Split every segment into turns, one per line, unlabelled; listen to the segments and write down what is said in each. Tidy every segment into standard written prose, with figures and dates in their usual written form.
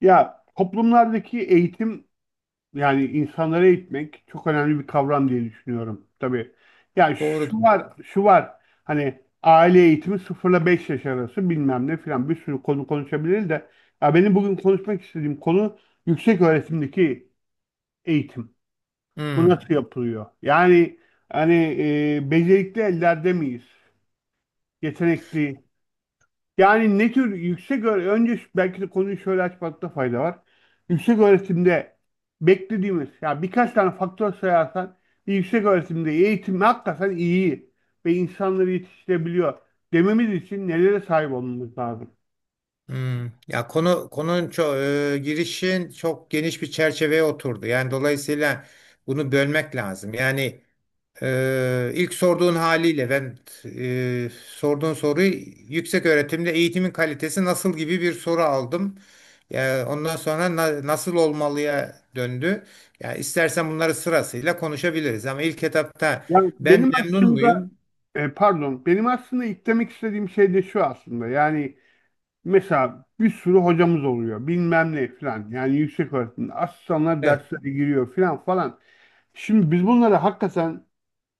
Ya toplumlardaki eğitim, yani insanları eğitmek, çok önemli bir kavram diye düşünüyorum tabii. Ya
Doğru.
şu
diyor.
var, şu var. Hani aile eğitimi, 0 ile 5 yaş arası, bilmem ne filan, bir sürü konu konuşabiliriz de ya benim bugün konuşmak istediğim konu yüksek öğretimdeki eğitim. Bu
Hmm,
nasıl yapılıyor? Yani hani, becerikli ellerde miyiz? Yetenekli. Yani ne tür yüksek öğre- önce şu- belki de konuyu şöyle açmakta fayda var. Yüksek öğretimde beklediğimiz, ya birkaç tane faktör sayarsan, bir yüksek öğretimde eğitim hakikaten iyi ve insanları yetiştirebiliyor dememiz için nelere sahip olmamız lazım?
hmm. Ya konunun çok girişin çok geniş bir çerçeveye oturdu. Yani dolayısıyla bunu bölmek lazım. Yani ilk sorduğun haliyle ben sorduğun soruyu yüksek öğretimde eğitimin kalitesi nasıl gibi bir soru aldım. Ya ondan sonra nasıl olmalıya döndü. Ya istersen bunları sırasıyla konuşabiliriz ama ilk etapta
Yani
ben
benim
memnun
aslında,
muyum?
pardon, benim aslında eklemek istediğim şey de şu aslında, yani mesela bir sürü hocamız oluyor bilmem ne falan, yani yüksek öğretimde asistanlar
Evet.
derslere giriyor filan falan. Şimdi biz bunları hakikaten,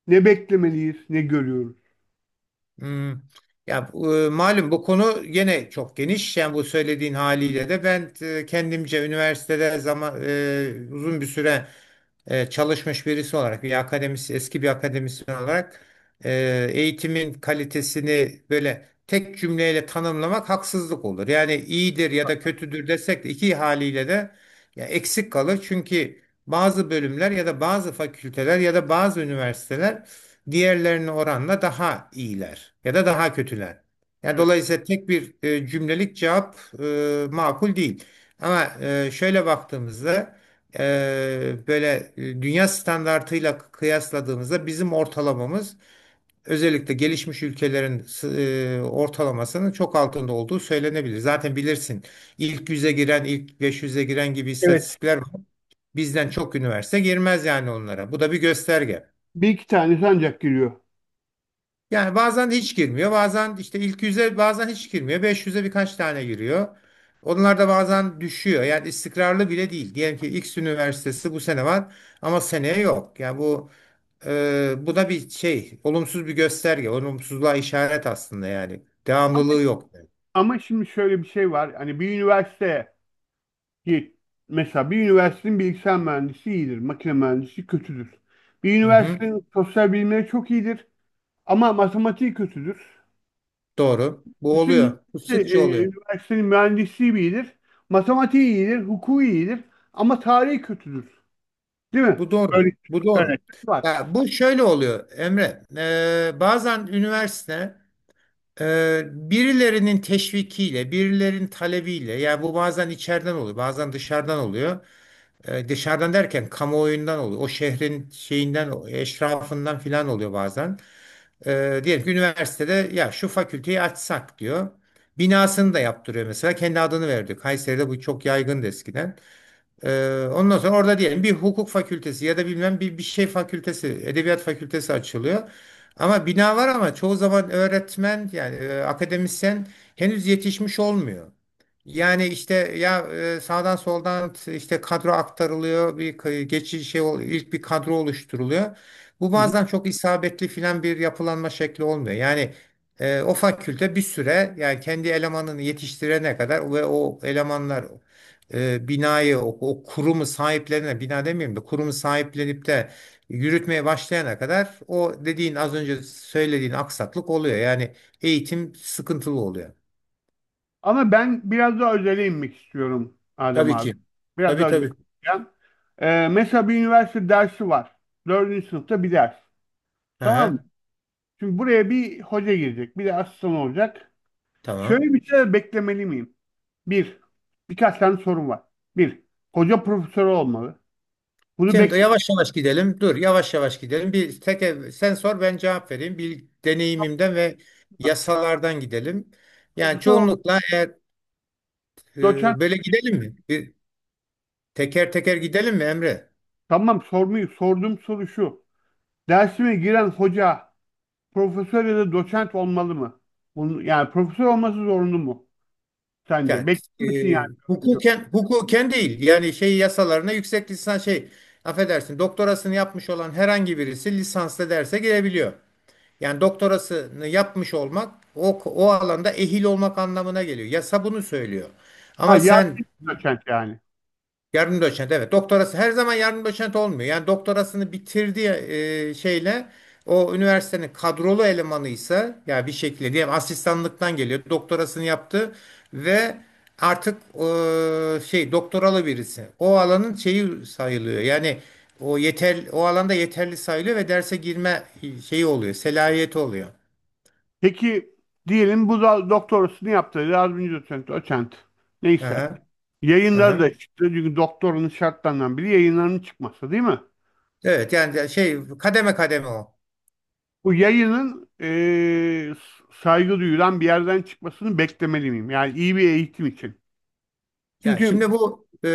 ne beklemeliyiz, ne görüyoruz.
Hmm. Ya malum bu konu gene çok geniş. Yani bu söylediğin haliyle de ben kendimce üniversitede zaman uzun bir süre çalışmış birisi olarak, bir eski bir akademisyen olarak eğitimin kalitesini böyle tek cümleyle tanımlamak haksızlık olur. Yani iyidir ya da kötüdür desek de iki haliyle de ya eksik kalır. Çünkü bazı bölümler ya da bazı fakülteler ya da bazı üniversiteler diğerlerine oranla daha iyiler ya da daha kötüler. Yani
Evet.
dolayısıyla tek bir cümlelik cevap makul değil. Ama şöyle baktığımızda böyle dünya standartıyla kıyasladığımızda bizim ortalamamız özellikle gelişmiş ülkelerin ortalamasının çok altında olduğu söylenebilir. Zaten bilirsin ilk 100'e giren, ilk 500'e giren gibi
Evet.
istatistikler var. Bizden çok üniversite girmez yani onlara. Bu da bir gösterge.
Bir iki tanesi ancak giriyor.
Yani bazen hiç girmiyor. Bazen işte ilk 100'e bazen hiç girmiyor. 500'e birkaç tane giriyor. Onlar da bazen düşüyor. Yani istikrarlı bile değil. Diyelim ki X üniversitesi bu sene var ama seneye yok. Yani bu bu da bir şey, olumsuz bir gösterge, olumsuzluğa işaret aslında yani.
Ama,
Devamlılığı yok.
ama şimdi şöyle bir şey var. Hani bir üniversite ki, mesela bir üniversitenin bilgisayar mühendisi iyidir, makine mühendisi kötüdür. Bir
Hı hı,
üniversitenin sosyal bilimleri çok iyidir ama matematiği kötüdür.
doğru. Bu
Kesin
oluyor. Bu sıkça oluyor.
üniversitenin mühendisliği iyidir, matematiği iyidir, hukuku iyidir ama tarihi kötüdür. Değil mi?
Bu doğru.
Böyle
Bu doğru.
örnekler var.
Ya bu şöyle oluyor Emre. Bazen üniversite, birilerinin teşvikiyle, birilerinin talebiyle, yani bu bazen içeriden oluyor, bazen dışarıdan oluyor. Dışarıdan derken kamuoyundan oluyor, o şehrin şeyinden, o eşrafından filan oluyor bazen. Diyelim ki üniversitede ya şu fakülteyi açsak diyor. Binasını da yaptırıyor mesela, kendi adını veriyor. Kayseri'de bu çok yaygındı eskiden. Ondan sonra orada diyelim bir hukuk fakültesi ya da bilmem bir şey fakültesi, edebiyat fakültesi açılıyor. Ama bina var ama çoğu zaman öğretmen yani akademisyen henüz yetişmiş olmuyor. Yani işte ya sağdan soldan işte kadro aktarılıyor, bir geçici şey ilk bir kadro oluşturuluyor. Bu bazen çok isabetli filan bir yapılanma şekli olmuyor. Yani o fakülte bir süre yani kendi elemanını yetiştirene kadar ve o elemanlar binayı o kurumu sahiplerine bina demeyeyim de kurumu sahiplenip de yürütmeye başlayana kadar o dediğin az önce söylediğin aksaklık oluyor. Yani eğitim sıkıntılı oluyor.
Ama ben biraz daha özele inmek istiyorum Adem
Tabii
abi.
ki.
Biraz
Tabii
daha özele
tabii.
ineceğim. Mesela bir üniversite dersi var. Dördüncü sınıfta bir ders. Tamam mı?
Aha,
Şimdi buraya bir hoca girecek. Bir de asistan olacak. Şöyle
tamam.
bir şey beklemeli miyim? Bir, birkaç tane sorun var. Bir, hoca profesörü olmalı. Bunu
Şimdi
beklemeyi,
yavaş yavaş gidelim. Dur yavaş yavaş gidelim. Bir tek sen sor ben cevap vereyim. Bir deneyimimden ve yasalardan gidelim. Yani
profesör olmalı.
çoğunlukla eğer
Doçent.
böyle gidelim mi? Bir teker teker gidelim mi Emre?
Tamam, sormuyor. Sorduğum soru şu: Dersime giren hoca profesör ya da doçent olmalı mı? Bunu, yani profesör olması zorunlu mu, sence?
Yani, e,
Bekliyor musun yani, öğrenci olarak?
hukuken, hukuken değil. Yani şey yasalarına yüksek lisans şey affedersin doktorasını yapmış olan herhangi birisi lisanslı derse girebiliyor. Yani doktorasını yapmış olmak o alanda ehil olmak anlamına geliyor. Yasa bunu söylüyor.
Ha,
Ama sen.
yardımcı doçent yani.
Yardımcı doçent, evet, doktorası her zaman yardımcı doçent olmuyor. Yani doktorasını bitirdiği şeyle o üniversitenin kadrolu elemanıysa ya bir şekilde diyelim asistanlıktan geliyor doktorasını yaptı ve artık şey doktoralı birisi o alanın şeyi sayılıyor. Yani o yeter o alanda yeterli sayılıyor ve derse girme şeyi oluyor selahiyeti oluyor.
Peki, diyelim bu da doktorasını yaptı. Yardımcı doçent, doçent. Neyse.
Aha,
Yayınları
aha.
da çıktı. Çünkü doktorunun şartlarından biri yayınlarının çıkması, değil mi?
Evet yani şey kademe kademe o.
Bu yayının, saygı duyulan bir yerden çıkmasını beklemeli miyim? Yani iyi bir eğitim için.
Ya
Çünkü,
şimdi bu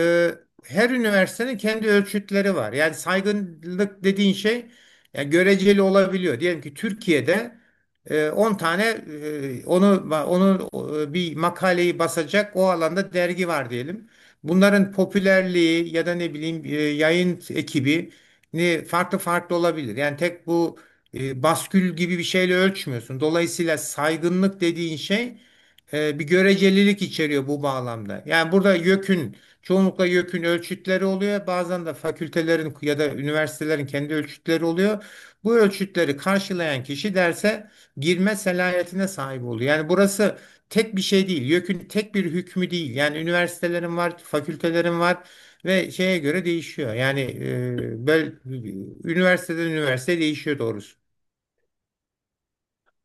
her üniversitenin kendi ölçütleri var. Yani saygınlık dediğin şey yani göreceli olabiliyor. Diyelim ki Türkiye'de 10 tane onu bir makaleyi basacak o alanda dergi var diyelim. Bunların popülerliği ya da ne bileyim yayın ekibi ne farklı farklı olabilir. Yani tek bu baskül gibi bir şeyle ölçmüyorsun. Dolayısıyla saygınlık dediğin şey bir görecelilik içeriyor bu bağlamda. Yani burada YÖK'ün çoğunlukla YÖK'ün ölçütleri oluyor. Bazen de fakültelerin ya da üniversitelerin kendi ölçütleri oluyor. Bu ölçütleri karşılayan kişi derse girme selahiyetine sahip oluyor. Yani burası tek bir şey değil. YÖK'ün tek bir hükmü değil. Yani üniversitelerin var, fakültelerin var ve şeye göre değişiyor. Yani böyle üniversiteden üniversiteye değişiyor doğrusu.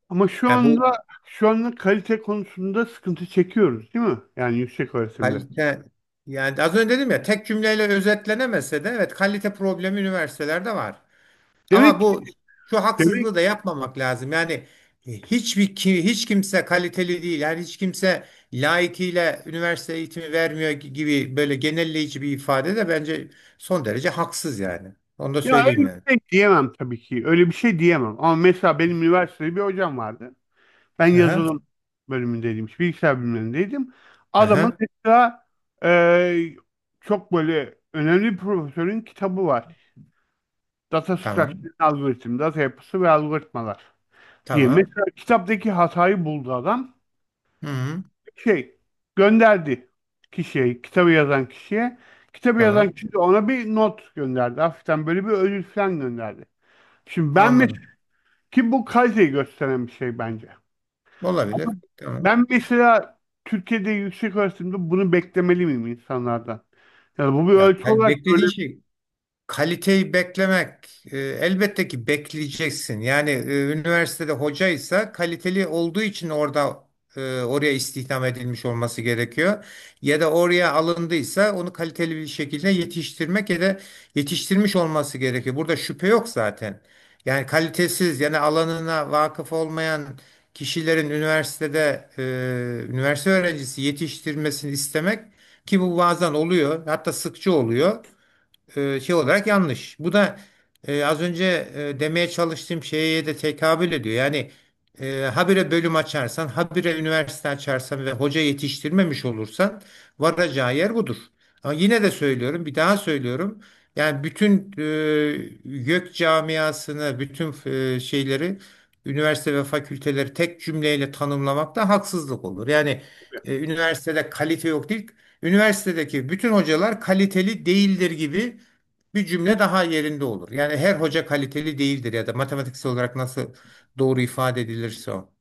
ama şu
Yani bu
anda şu anda kalite konusunda sıkıntı çekiyoruz, değil mi? Yani yüksek öğretimde.
kalite, yani az önce dedim ya tek cümleyle özetlenemese de evet kalite problemi üniversitelerde var. Ama
Demek ki,
bu şu
demek...
haksızlığı da yapmamak lazım. Yani hiçbir hiç kimse kaliteli değil. Yani hiç kimse layıkıyla üniversite eğitimi vermiyor gibi böyle genelleyici bir ifade de bence son derece haksız yani. Onu da
Ya, öyle
söyleyeyim
bir
yani.
şey diyemem tabii ki. Öyle bir şey diyemem. Ama mesela benim üniversitede bir hocam vardı. Ben
Aha,
yazılım bölümündeydim, işte bilgisayar bölümündeydim. Adamın
aha,
mesela, e, çok böyle önemli bir profesörün kitabı var. Data Structure
tamam,
and Algorithm, Data Yapısı ve Algoritmalar diye.
tamam.
Mesela kitaptaki hatayı buldu adam.
Hı, hı,
Şey, gönderdi kişiye, kitabı yazan kişiye. Kitabı yazan
tamam.
kişi de ona bir not gönderdi. Hafiften böyle bir ödül falan gönderdi. Şimdi ben mesela,
Anladım.
ki bu kaliteyi gösteren bir şey bence.
Olabilir.
Ama
Tamam.
ben mesela, Türkiye'de yüksek öğretimde bunu beklemeli miyim insanlardan? Yani bu bir
Ya
ölçü olarak
beklediğin
böyle.
şey kaliteyi beklemek, elbette ki bekleyeceksin. Yani üniversitede hocaysa kaliteli olduğu için orada oraya istihdam edilmiş olması gerekiyor. Ya da oraya alındıysa onu kaliteli bir şekilde yetiştirmek ya da yetiştirmiş olması gerekiyor. Burada şüphe yok zaten. Yani kalitesiz yani alanına vakıf olmayan kişilerin üniversitede üniversite öğrencisi yetiştirmesini istemek ki bu bazen oluyor hatta sıkça oluyor şey olarak yanlış. Bu da az önce demeye çalıştığım şeye de tekabül ediyor. Yani habire bölüm açarsan, habire üniversite açarsan ve hoca yetiştirmemiş olursan varacağı yer budur. Ama yine de söylüyorum, bir daha söylüyorum. Yani bütün YÖK camiasını, bütün şeyleri, üniversite ve fakülteleri tek cümleyle tanımlamak da haksızlık olur. Yani üniversitede kalite yok değil, üniversitedeki bütün hocalar kaliteli değildir gibi bir cümle daha yerinde olur. Yani her hoca kaliteli değildir ya da matematiksel olarak nasıl doğru ifade edilirse o.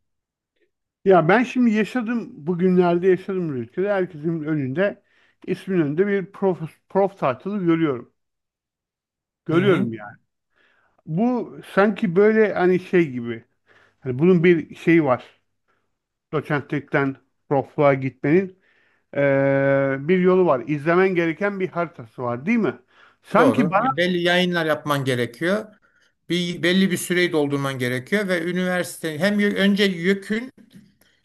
Ya ben şimdi yaşadım, bugünlerde yaşadım bu ülkede. Herkesin önünde, ismin önünde bir prof title'ı görüyorum.
Hı hı.
Görüyorum yani. Bu sanki böyle, hani şey gibi. Hani bunun bir şeyi var. Doçentlikten profluğa gitmenin bir yolu var. İzlemen gereken bir haritası var, değil mi? Sanki.
Doğru. Ya belli yayınlar yapman gerekiyor. Bir, belli bir süreyi doldurman gerekiyor ve üniversite hem önce YÖK'ün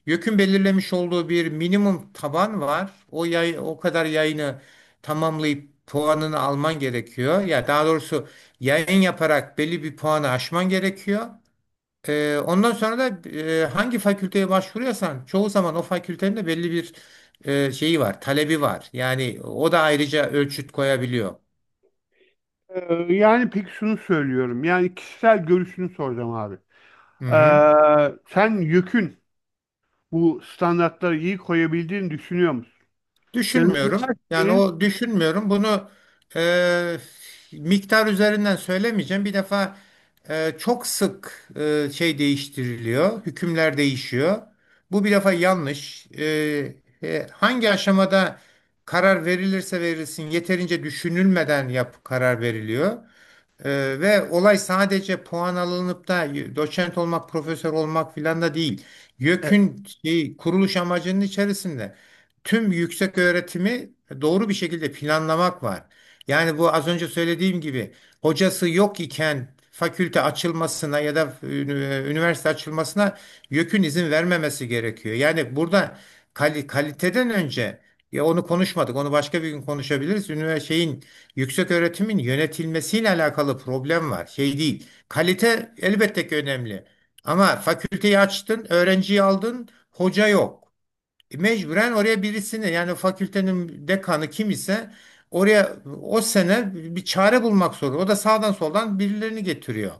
YÖK'ün belirlemiş olduğu bir minimum taban var. O o kadar yayını tamamlayıp puanını alman gerekiyor. Ya daha doğrusu yayın yaparak belli bir puanı aşman gerekiyor. Ondan sonra da hangi fakülteye başvuruyorsan çoğu zaman o fakültenin de belli bir şeyi var, talebi var. Yani o da ayrıca ölçüt koyabiliyor.
Yani peki, şunu söylüyorum. Yani kişisel görüşünü soracağım abi.
Hı hı.
Sen yükün bu standartları iyi koyabildiğini düşünüyor musun? Yani
Düşünmüyorum. Yani
üniversitenin,
o düşünmüyorum. Bunu e, miktar üzerinden söylemeyeceğim. Bir defa çok sık şey değiştiriliyor. Hükümler değişiyor. Bu bir defa yanlış. Hangi aşamada karar verilirse verilsin yeterince düşünülmeden karar veriliyor. Ve olay sadece puan alınıp da doçent olmak, profesör olmak filan da değil.
e,
YÖK'ün şey, kuruluş amacının içerisinde tüm yüksek öğretimi doğru bir şekilde planlamak var. Yani bu az önce söylediğim gibi hocası yok iken fakülte açılmasına ya da üniversite açılmasına YÖK'ün izin vermemesi gerekiyor. Yani burada kaliteden önce ya onu konuşmadık. Onu başka bir gün konuşabiliriz. Yükseköğretimin yönetilmesiyle alakalı problem var. Şey değil. Kalite elbette ki önemli. Ama fakülteyi açtın, öğrenciyi aldın, hoca yok. Mecburen oraya birisini yani fakültenin dekanı kim ise oraya o sene bir çare bulmak zorunda. O da sağdan soldan birilerini getiriyor.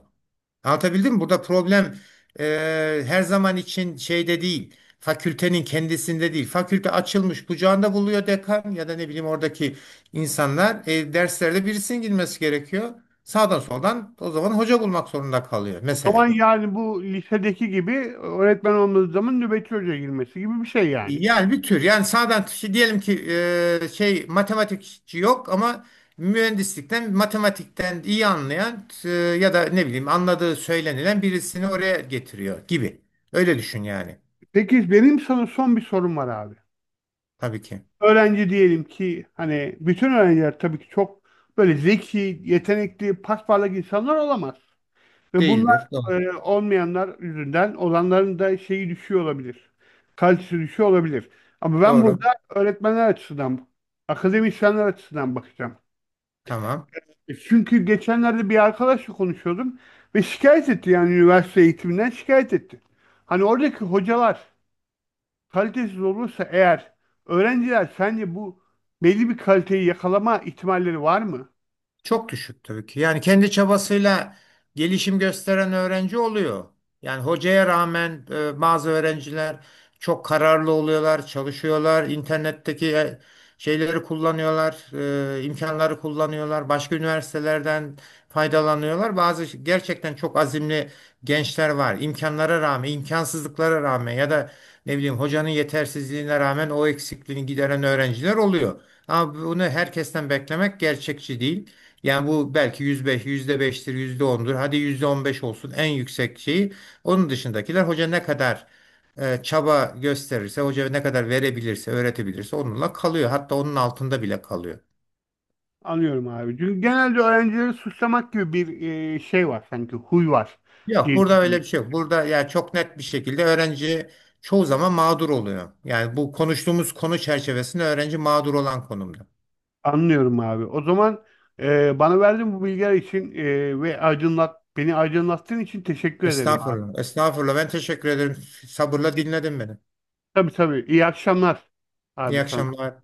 Anlatabildim mi? Burada problem e, her zaman için şeyde değil. Fakültenin kendisinde değil. Fakülte açılmış kucağında buluyor dekan ya da ne bileyim oradaki insanlar. Derslerde birisinin girmesi gerekiyor. Sağdan soldan o zaman hoca bulmak zorunda kalıyor
o zaman
mesela.
yani bu lisedeki gibi öğretmen olmadığı zaman nöbetçi hocaya girmesi gibi bir şey yani.
Yani bir tür yani sağdan şey diyelim ki şey matematikçi yok ama mühendislikten matematikten iyi anlayan ya da ne bileyim anladığı söylenilen birisini oraya getiriyor gibi. Öyle düşün yani.
Peki, benim sana son bir sorum var abi.
Tabii ki.
Öğrenci, diyelim ki hani bütün öğrenciler tabii ki çok böyle zeki, yetenekli, pasparlak insanlar olamaz. Ve bunlar,
Değildir. Doğru.
olmayanlar yüzünden olanların da şeyi düşüyor olabilir. Kalitesi düşüyor olabilir. Ama ben burada
Doğru.
öğretmenler açısından, akademisyenler açısından bakacağım.
Tamam.
Çünkü geçenlerde bir arkadaşla konuşuyordum ve şikayet etti, yani üniversite eğitiminden şikayet etti. Hani oradaki hocalar kalitesiz olursa eğer, öğrenciler sence bu belli bir kaliteyi yakalama ihtimalleri var mı?
Çok düşük tabii ki. Yani kendi çabasıyla gelişim gösteren öğrenci oluyor. Yani hocaya rağmen bazı öğrenciler çok kararlı oluyorlar, çalışıyorlar, internetteki şeyleri kullanıyorlar, imkanları kullanıyorlar, başka üniversitelerden faydalanıyorlar. Bazı gerçekten çok azimli gençler var. İmkanlara rağmen, imkansızlıklara rağmen ya da ne bileyim hocanın yetersizliğine rağmen o eksikliğini gideren öğrenciler oluyor. Ama bunu herkesten beklemek gerçekçi değil. Yani bu belki %5'tir, yüzde ondur. Hadi %15 olsun en yüksek şeyi. Onun dışındakiler hoca ne kadar çaba gösterirse, hoca ne kadar verebilirse, öğretebilirse onunla kalıyor. Hatta onun altında bile kalıyor.
Anlıyorum abi. Çünkü genelde öğrencileri suçlamak gibi bir, şey var sanki, huy var
Yok
diye
burada öyle bir
düşünüyorum.
şey yok. Burada yani çok net bir şekilde öğrenci çoğu zaman mağdur oluyor. Yani bu konuştuğumuz konu çerçevesinde öğrenci mağdur olan konumda.
Anlıyorum abi. O zaman, bana verdiğin bu bilgiler için, ve beni aydınlattığın için teşekkür ederim abi.
Estağfurullah. Estağfurullah. Ben teşekkür ederim. Sabırla dinledin beni.
Tabii tabii. İyi akşamlar abi
İyi
sana.
akşamlar.